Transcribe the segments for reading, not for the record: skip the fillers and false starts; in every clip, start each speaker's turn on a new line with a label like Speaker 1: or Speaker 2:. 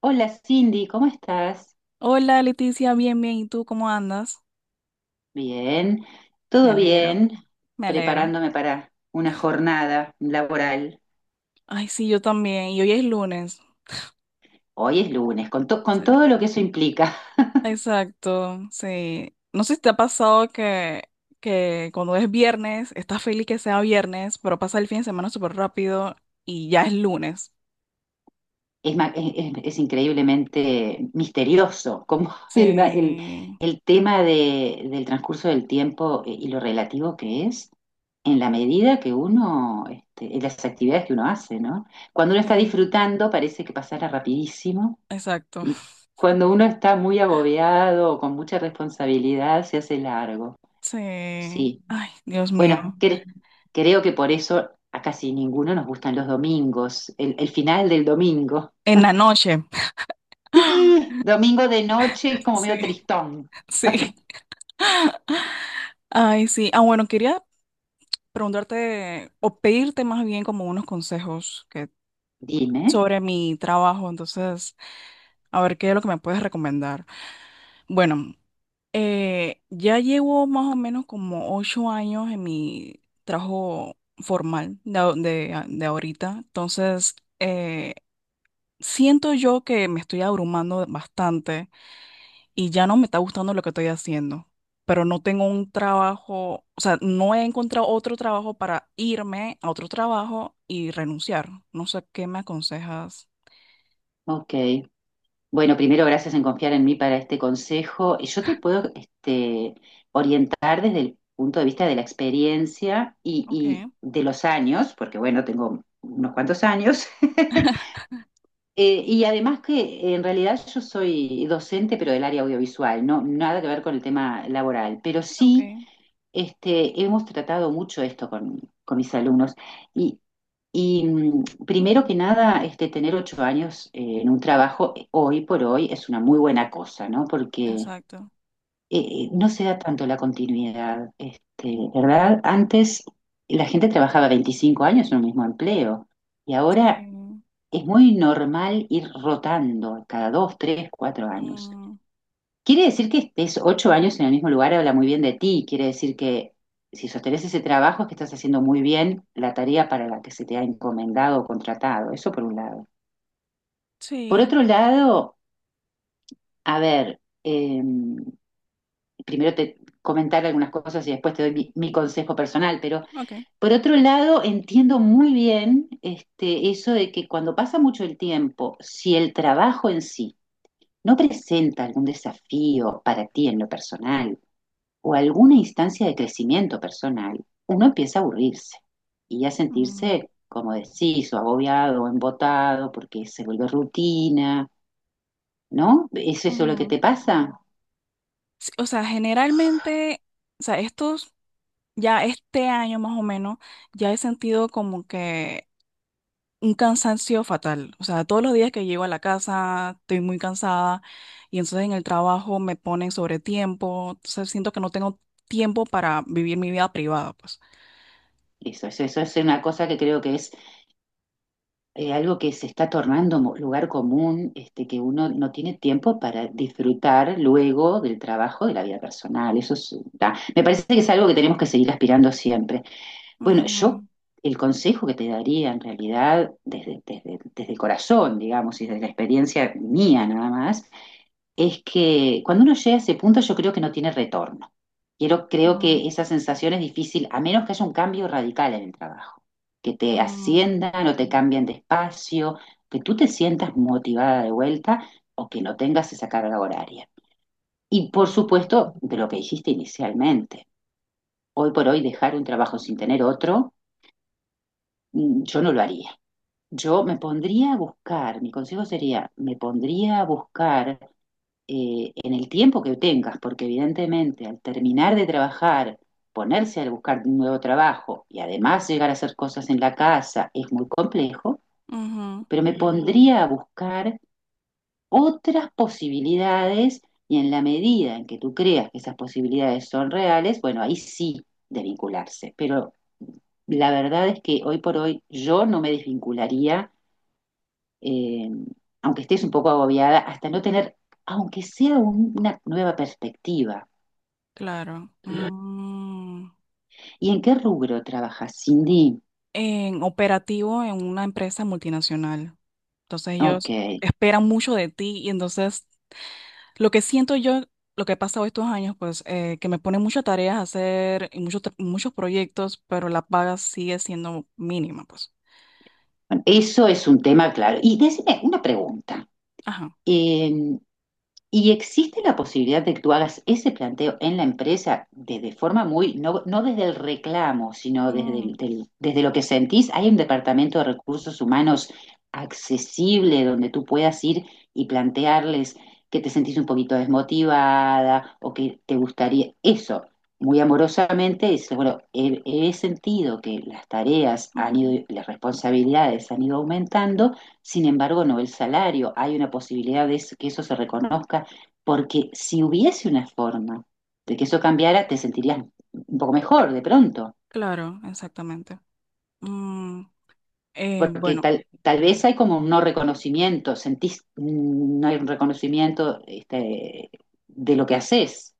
Speaker 1: Hola Cindy, ¿cómo estás?
Speaker 2: Hola Leticia, bien, bien. ¿Y tú cómo andas?
Speaker 1: Bien,
Speaker 2: Me
Speaker 1: todo
Speaker 2: alegro,
Speaker 1: bien,
Speaker 2: me alegro.
Speaker 1: preparándome para una jornada laboral.
Speaker 2: Ay, sí, yo también. Y hoy es lunes.
Speaker 1: Hoy es lunes, con
Speaker 2: Sí.
Speaker 1: todo lo que eso implica.
Speaker 2: Exacto, sí. No sé si te ha pasado que cuando es viernes, estás feliz que sea viernes, pero pasa el fin de semana súper rápido y ya es lunes.
Speaker 1: Es, ma- es increíblemente misterioso como el, ma- el-
Speaker 2: Sí,
Speaker 1: el del transcurso del tiempo y lo relativo que es en la medida que uno, este, en las actividades que uno hace, ¿no? Cuando uno está
Speaker 2: sí,
Speaker 1: disfrutando parece que pasara rapidísimo.
Speaker 2: exacto.
Speaker 1: Y cuando uno está muy agobiado o con mucha responsabilidad, se hace largo.
Speaker 2: Sí.
Speaker 1: Sí.
Speaker 2: Ay, Dios
Speaker 1: Bueno,
Speaker 2: mío.
Speaker 1: creo que por eso a casi ninguno nos gustan los domingos, el final del domingo.
Speaker 2: En la noche.
Speaker 1: Sí, domingo de noche es como medio
Speaker 2: Sí,
Speaker 1: tristón.
Speaker 2: sí. Ay, sí. Ah, bueno, quería preguntarte o pedirte más bien como unos consejos
Speaker 1: Dime.
Speaker 2: sobre mi trabajo. Entonces, a ver qué es lo que me puedes recomendar. Bueno, ya llevo más o menos como 8 años en mi trabajo formal de ahorita. Entonces, siento yo que me estoy abrumando bastante y ya no me está gustando lo que estoy haciendo, pero no tengo un trabajo, o sea, no he encontrado otro trabajo para irme a otro trabajo y renunciar. No sé qué me aconsejas.
Speaker 1: Ok. Bueno, primero gracias en confiar en mí para este consejo. Y yo te puedo este, orientar desde el punto de vista de la experiencia
Speaker 2: Ok,
Speaker 1: y de los años, porque bueno, tengo unos cuantos años. Y además que en realidad yo soy docente, pero del área audiovisual, no nada que ver con el tema laboral, pero
Speaker 2: ok,
Speaker 1: sí este, hemos tratado mucho esto con mis alumnos. Y, y primero
Speaker 2: ujú,
Speaker 1: que nada, este, tener 8 años en un trabajo hoy por hoy es una muy buena cosa, ¿no? Porque
Speaker 2: exacto.
Speaker 1: no se da tanto la continuidad, este, ¿verdad? Antes la gente trabajaba 25 años en un mismo empleo y ahora
Speaker 2: Sí.
Speaker 1: es muy normal ir rotando cada dos, tres, cuatro años.
Speaker 2: Mm,
Speaker 1: Quiere decir que estés 8 años en el mismo lugar, habla muy bien de ti. Quiere decir que si sostenés ese trabajo es que estás haciendo muy bien la tarea para la que se te ha encomendado o contratado. Eso por un lado. Por
Speaker 2: sí,
Speaker 1: otro lado, a ver, primero te comentar algunas cosas y después te doy mi consejo personal, pero
Speaker 2: ok.
Speaker 1: por otro lado entiendo muy bien este, eso de que cuando pasa mucho el tiempo, si el trabajo en sí ¿no presenta algún desafío para ti en lo personal o alguna instancia de crecimiento personal? Uno empieza a aburrirse y a
Speaker 2: Mm,
Speaker 1: sentirse, como decís, o agobiado o embotado porque se vuelve rutina, ¿no? ¿Es eso lo que
Speaker 2: ujú.
Speaker 1: te pasa?
Speaker 2: Sí, o sea, generalmente, o sea, estos, ya este año más o menos, ya he sentido como que un cansancio fatal. O sea, todos los días que llego a la casa estoy muy cansada y entonces en el trabajo me ponen sobre tiempo. Entonces siento que no tengo tiempo para vivir mi vida privada, pues.
Speaker 1: Eso es una cosa que creo que es algo que se está tornando lugar común, este, que uno no tiene tiempo para disfrutar luego del trabajo de la vida personal. Eso es, me parece que es algo que tenemos que seguir aspirando siempre. Bueno, yo
Speaker 2: Ujú,
Speaker 1: el consejo que te daría en realidad desde el corazón, digamos, y desde la experiencia mía nada más, es que cuando uno llega a ese punto yo creo que no tiene retorno. Creo
Speaker 2: ujú,
Speaker 1: que esa sensación es difícil, a menos que haya un cambio radical en el trabajo, que te
Speaker 2: ujú,
Speaker 1: asciendan o te cambien de espacio, que tú te sientas motivada de vuelta o que no tengas esa carga horaria. Y por
Speaker 2: ujú,
Speaker 1: supuesto, de lo que dijiste inicialmente, hoy por hoy dejar un trabajo sin tener otro, yo no lo haría. Yo me pondría a buscar, mi consejo sería, me pondría a buscar en el tiempo que tengas, porque evidentemente al terminar de trabajar, ponerse a buscar un nuevo trabajo y además llegar a hacer cosas en la casa es muy complejo,
Speaker 2: ujú,
Speaker 1: pero me pondría a buscar otras posibilidades y en la medida en que tú creas que esas posibilidades son reales, bueno, ahí sí desvincularse, pero la verdad es que hoy por hoy yo no me desvincularía, eh, aunque estés un poco agobiada, hasta no tener, aunque sea una nueva perspectiva.
Speaker 2: claro. Mm.
Speaker 1: ¿Y en qué rubro trabajas, Cindy?
Speaker 2: En operativo en una empresa multinacional. Entonces
Speaker 1: Ok.
Speaker 2: ellos esperan mucho de ti y entonces lo que siento yo, lo que ha pasado estos años, pues que me pone muchas tareas a hacer y muchos proyectos, pero la paga sigue siendo mínima, pues.
Speaker 1: Bueno, eso es un tema claro. Y decime una pregunta.
Speaker 2: Ajá.
Speaker 1: Eh, ¿Y existe la posibilidad de que tú hagas ese planteo en la empresa de forma muy, no, no desde el reclamo, sino desde,
Speaker 2: Mm,
Speaker 1: desde lo que sentís? ¿Hay un departamento de recursos humanos accesible donde tú puedas ir y plantearles que te sentís un poquito desmotivada o que te gustaría eso? Muy amorosamente dices, bueno, he sentido que las tareas han
Speaker 2: ujú.
Speaker 1: ido, las responsabilidades han ido aumentando, sin embargo, no el salario. ¿Hay una posibilidad de que eso se reconozca? Porque si hubiese una forma de que eso cambiara, te sentirías un poco mejor de pronto.
Speaker 2: Claro, exactamente. Mm,
Speaker 1: Porque
Speaker 2: bueno,
Speaker 1: tal vez hay como un no reconocimiento, sentís, no hay un reconocimiento este, de lo que haces.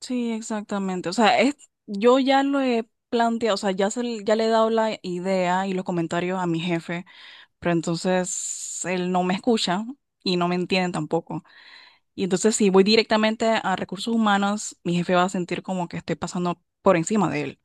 Speaker 2: sí, exactamente. O sea, es, yo ya lo he planteado, o sea, ya le he dado la idea y los comentarios a mi jefe, pero entonces él no me escucha y no me entiende tampoco. Y entonces si voy directamente a recursos humanos, mi jefe va a sentir como que estoy pasando por encima de él.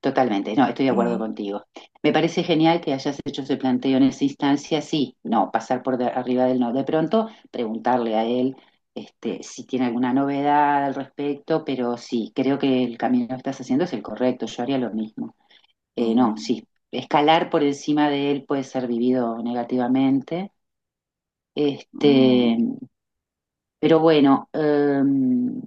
Speaker 1: Totalmente, no, estoy de acuerdo
Speaker 2: Ujú,
Speaker 1: contigo. Me parece genial que hayas hecho ese planteo en esa instancia, sí, no, pasar por arriba del no. De pronto, preguntarle a él este, si tiene alguna novedad al respecto, pero sí, creo que el camino que estás haciendo es el correcto, yo haría lo mismo. No,
Speaker 2: ujú,
Speaker 1: sí, escalar por encima de él puede ser vivido negativamente. Este,
Speaker 2: ujú,
Speaker 1: pero bueno,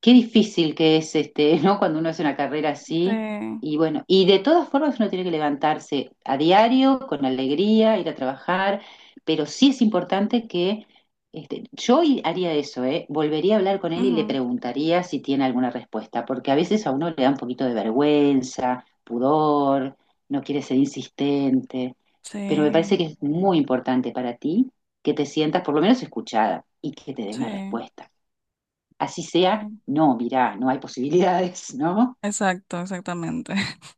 Speaker 1: qué difícil que es este, ¿no? Cuando uno hace una carrera
Speaker 2: sí,
Speaker 1: así. Y bueno, y de todas formas uno tiene que levantarse a diario, con alegría, ir a trabajar, pero sí es importante que este, haría eso, ¿eh? Volvería a hablar con él y le
Speaker 2: ujú,
Speaker 1: preguntaría si tiene alguna respuesta, porque a veces a uno le da un poquito de vergüenza, pudor, no quiere ser insistente, pero me parece
Speaker 2: sí,
Speaker 1: que es muy importante para ti que te sientas por lo menos escuchada y que te dé una
Speaker 2: sí,
Speaker 1: respuesta. Así sea,
Speaker 2: sí.
Speaker 1: no, mirá, no hay posibilidades, ¿no?
Speaker 2: Exacto, exactamente.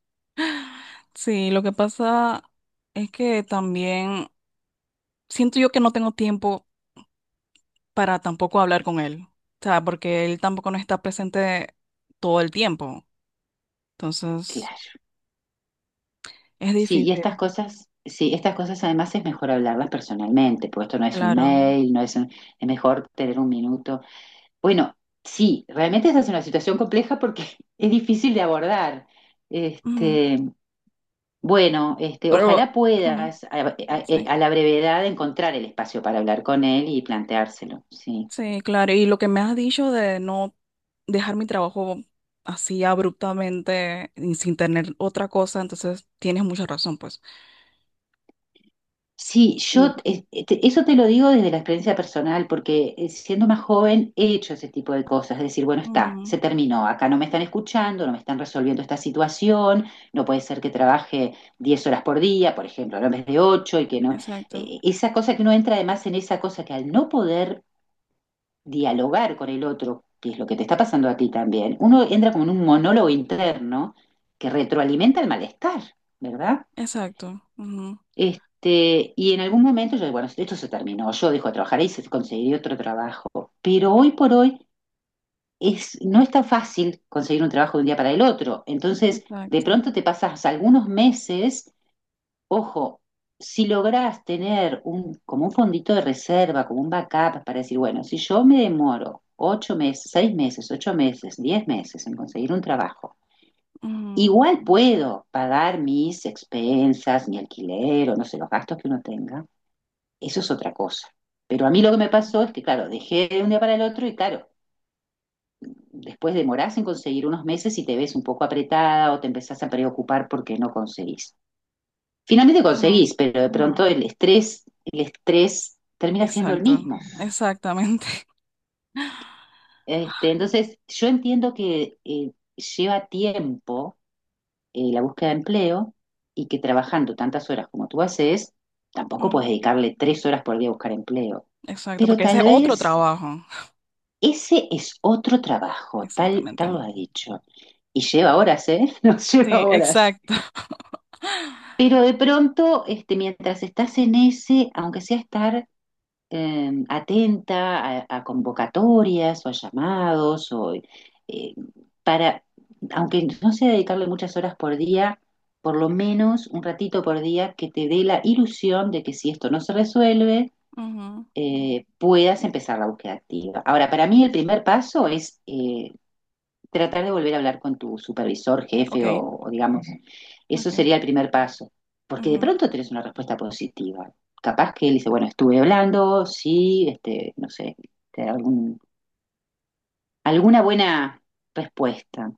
Speaker 2: Sí, lo que pasa es que también siento yo que no tengo tiempo para tampoco hablar con él. O sea, porque él tampoco no está presente todo el tiempo. Entonces,
Speaker 1: Claro.
Speaker 2: es
Speaker 1: Sí, y
Speaker 2: difícil,
Speaker 1: estas cosas, sí, estas cosas además es mejor hablarlas personalmente, porque esto no es un
Speaker 2: claro.
Speaker 1: mail, no es es mejor tener un minuto. Bueno, sí, realmente esa es una situación compleja porque es difícil de abordar.
Speaker 2: Ujú,
Speaker 1: Este, bueno, este,
Speaker 2: pero,
Speaker 1: ojalá
Speaker 2: ujú,
Speaker 1: puedas
Speaker 2: sí.
Speaker 1: a la brevedad encontrar el espacio para hablar con él y planteárselo, sí.
Speaker 2: Sí, claro. Y lo que me has dicho de no dejar mi trabajo así abruptamente y sin tener otra cosa, entonces tienes mucha razón, pues.
Speaker 1: Sí,
Speaker 2: Y...
Speaker 1: yo eso te lo digo desde la experiencia personal, porque siendo más joven he hecho ese tipo de cosas, es decir, bueno, está,
Speaker 2: Mm,
Speaker 1: se terminó, acá no me están escuchando, no me están resolviendo esta situación, no puede ser que trabaje 10 horas por día, por ejemplo, no en vez de 8 y que no,
Speaker 2: exacto,
Speaker 1: esa cosa que uno entra además en esa cosa que al no poder dialogar con el otro, que es lo que te está pasando a ti también, uno entra como en un monólogo interno que retroalimenta el malestar, ¿verdad?
Speaker 2: exacto, ujú,
Speaker 1: Este, y en algún momento yo, bueno, esto se terminó, yo dejo de trabajar ahí, y se conseguiré otro trabajo. Pero hoy por hoy es, no es tan fácil conseguir un trabajo de un día para el otro. Entonces, de
Speaker 2: exacto,
Speaker 1: pronto te pasas algunos meses, ojo, si lográs tener un, como un fondito de reserva, como un backup para decir, bueno, si yo me demoro 8 meses, 6 meses, 8 meses, 10 meses en conseguir un trabajo,
Speaker 2: ujú,
Speaker 1: igual puedo pagar mis expensas, mi alquiler o no sé, los gastos que uno tenga. Eso es otra cosa. Pero a mí lo que me pasó es que, claro, dejé de un día para el otro y, claro, después demorás en conseguir unos meses y te ves un poco apretada o te empezás a preocupar porque no conseguís. Finalmente
Speaker 2: ujú,
Speaker 1: conseguís, pero de pronto el estrés termina siendo el
Speaker 2: exacto,
Speaker 1: mismo.
Speaker 2: exactamente.
Speaker 1: Este, entonces, yo entiendo que lleva tiempo la búsqueda de empleo y que trabajando tantas horas como tú haces, tampoco
Speaker 2: Ujú,
Speaker 1: puedes dedicarle 3 horas por día a buscar empleo.
Speaker 2: exacto,
Speaker 1: Pero
Speaker 2: porque ese
Speaker 1: tal
Speaker 2: es otro
Speaker 1: vez
Speaker 2: trabajo.
Speaker 1: ese es otro trabajo,
Speaker 2: Exactamente.
Speaker 1: tal lo ha dicho. Y lleva horas, ¿eh? Nos
Speaker 2: Sí,
Speaker 1: lleva horas.
Speaker 2: exacto.
Speaker 1: Pero de pronto, este, mientras estás en ese, aunque sea estar atenta a convocatorias o a llamados, para, aunque no sea dedicarle muchas horas por día, por lo menos un ratito por día que te dé la ilusión de que si esto no se resuelve,
Speaker 2: Ujú,
Speaker 1: puedas empezar la búsqueda activa. Ahora, para mí el primer paso es tratar de volver a hablar con tu supervisor,
Speaker 2: ok,
Speaker 1: jefe o digamos, eso
Speaker 2: ok.
Speaker 1: sería el primer paso, porque de
Speaker 2: Ujú,
Speaker 1: pronto tenés una respuesta positiva. Capaz que él dice, bueno, estuve hablando, sí, este, no sé, te da algún, alguna buena respuesta.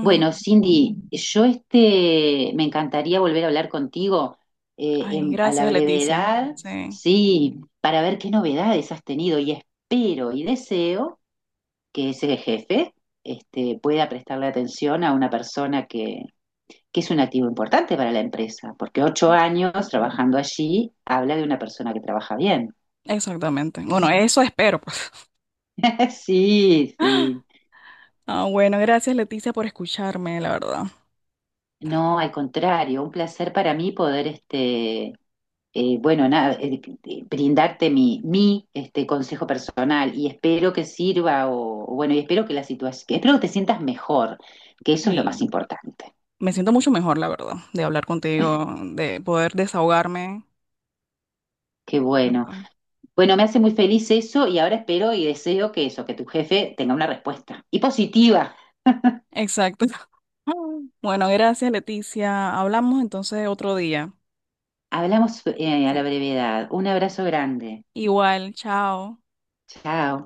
Speaker 1: Bueno, Cindy, yo este, me encantaría volver a hablar contigo
Speaker 2: Ay,
Speaker 1: a la
Speaker 2: gracias, Leticia.
Speaker 1: brevedad,
Speaker 2: Sí,
Speaker 1: sí, para ver qué novedades has tenido y espero y deseo que ese jefe este, pueda prestarle atención a una persona que es un activo importante para la empresa, porque 8 años trabajando allí habla de una persona que trabaja bien.
Speaker 2: exactamente. Bueno, eso espero, pues.
Speaker 1: Sí, sí.
Speaker 2: Ah, bueno, gracias Leticia por escucharme, la verdad.
Speaker 1: No, al contrario, un placer para mí poder, este, bueno, nada, brindarte mi este, consejo personal y espero que sirva o bueno, y espero que la situación, espero que te sientas mejor, que eso es lo más
Speaker 2: Sí,
Speaker 1: importante.
Speaker 2: me siento mucho mejor, la verdad, de hablar contigo, de poder desahogarme.
Speaker 1: Qué bueno.
Speaker 2: Ah,
Speaker 1: Bueno, me hace muy feliz eso y ahora espero y deseo que eso, que tu jefe tenga una respuesta. Y positiva.
Speaker 2: exacto. Bueno, gracias Leticia. Hablamos entonces otro día.
Speaker 1: Hablamos a la
Speaker 2: Sí.
Speaker 1: brevedad. Un abrazo grande.
Speaker 2: Igual, chao.
Speaker 1: Chao.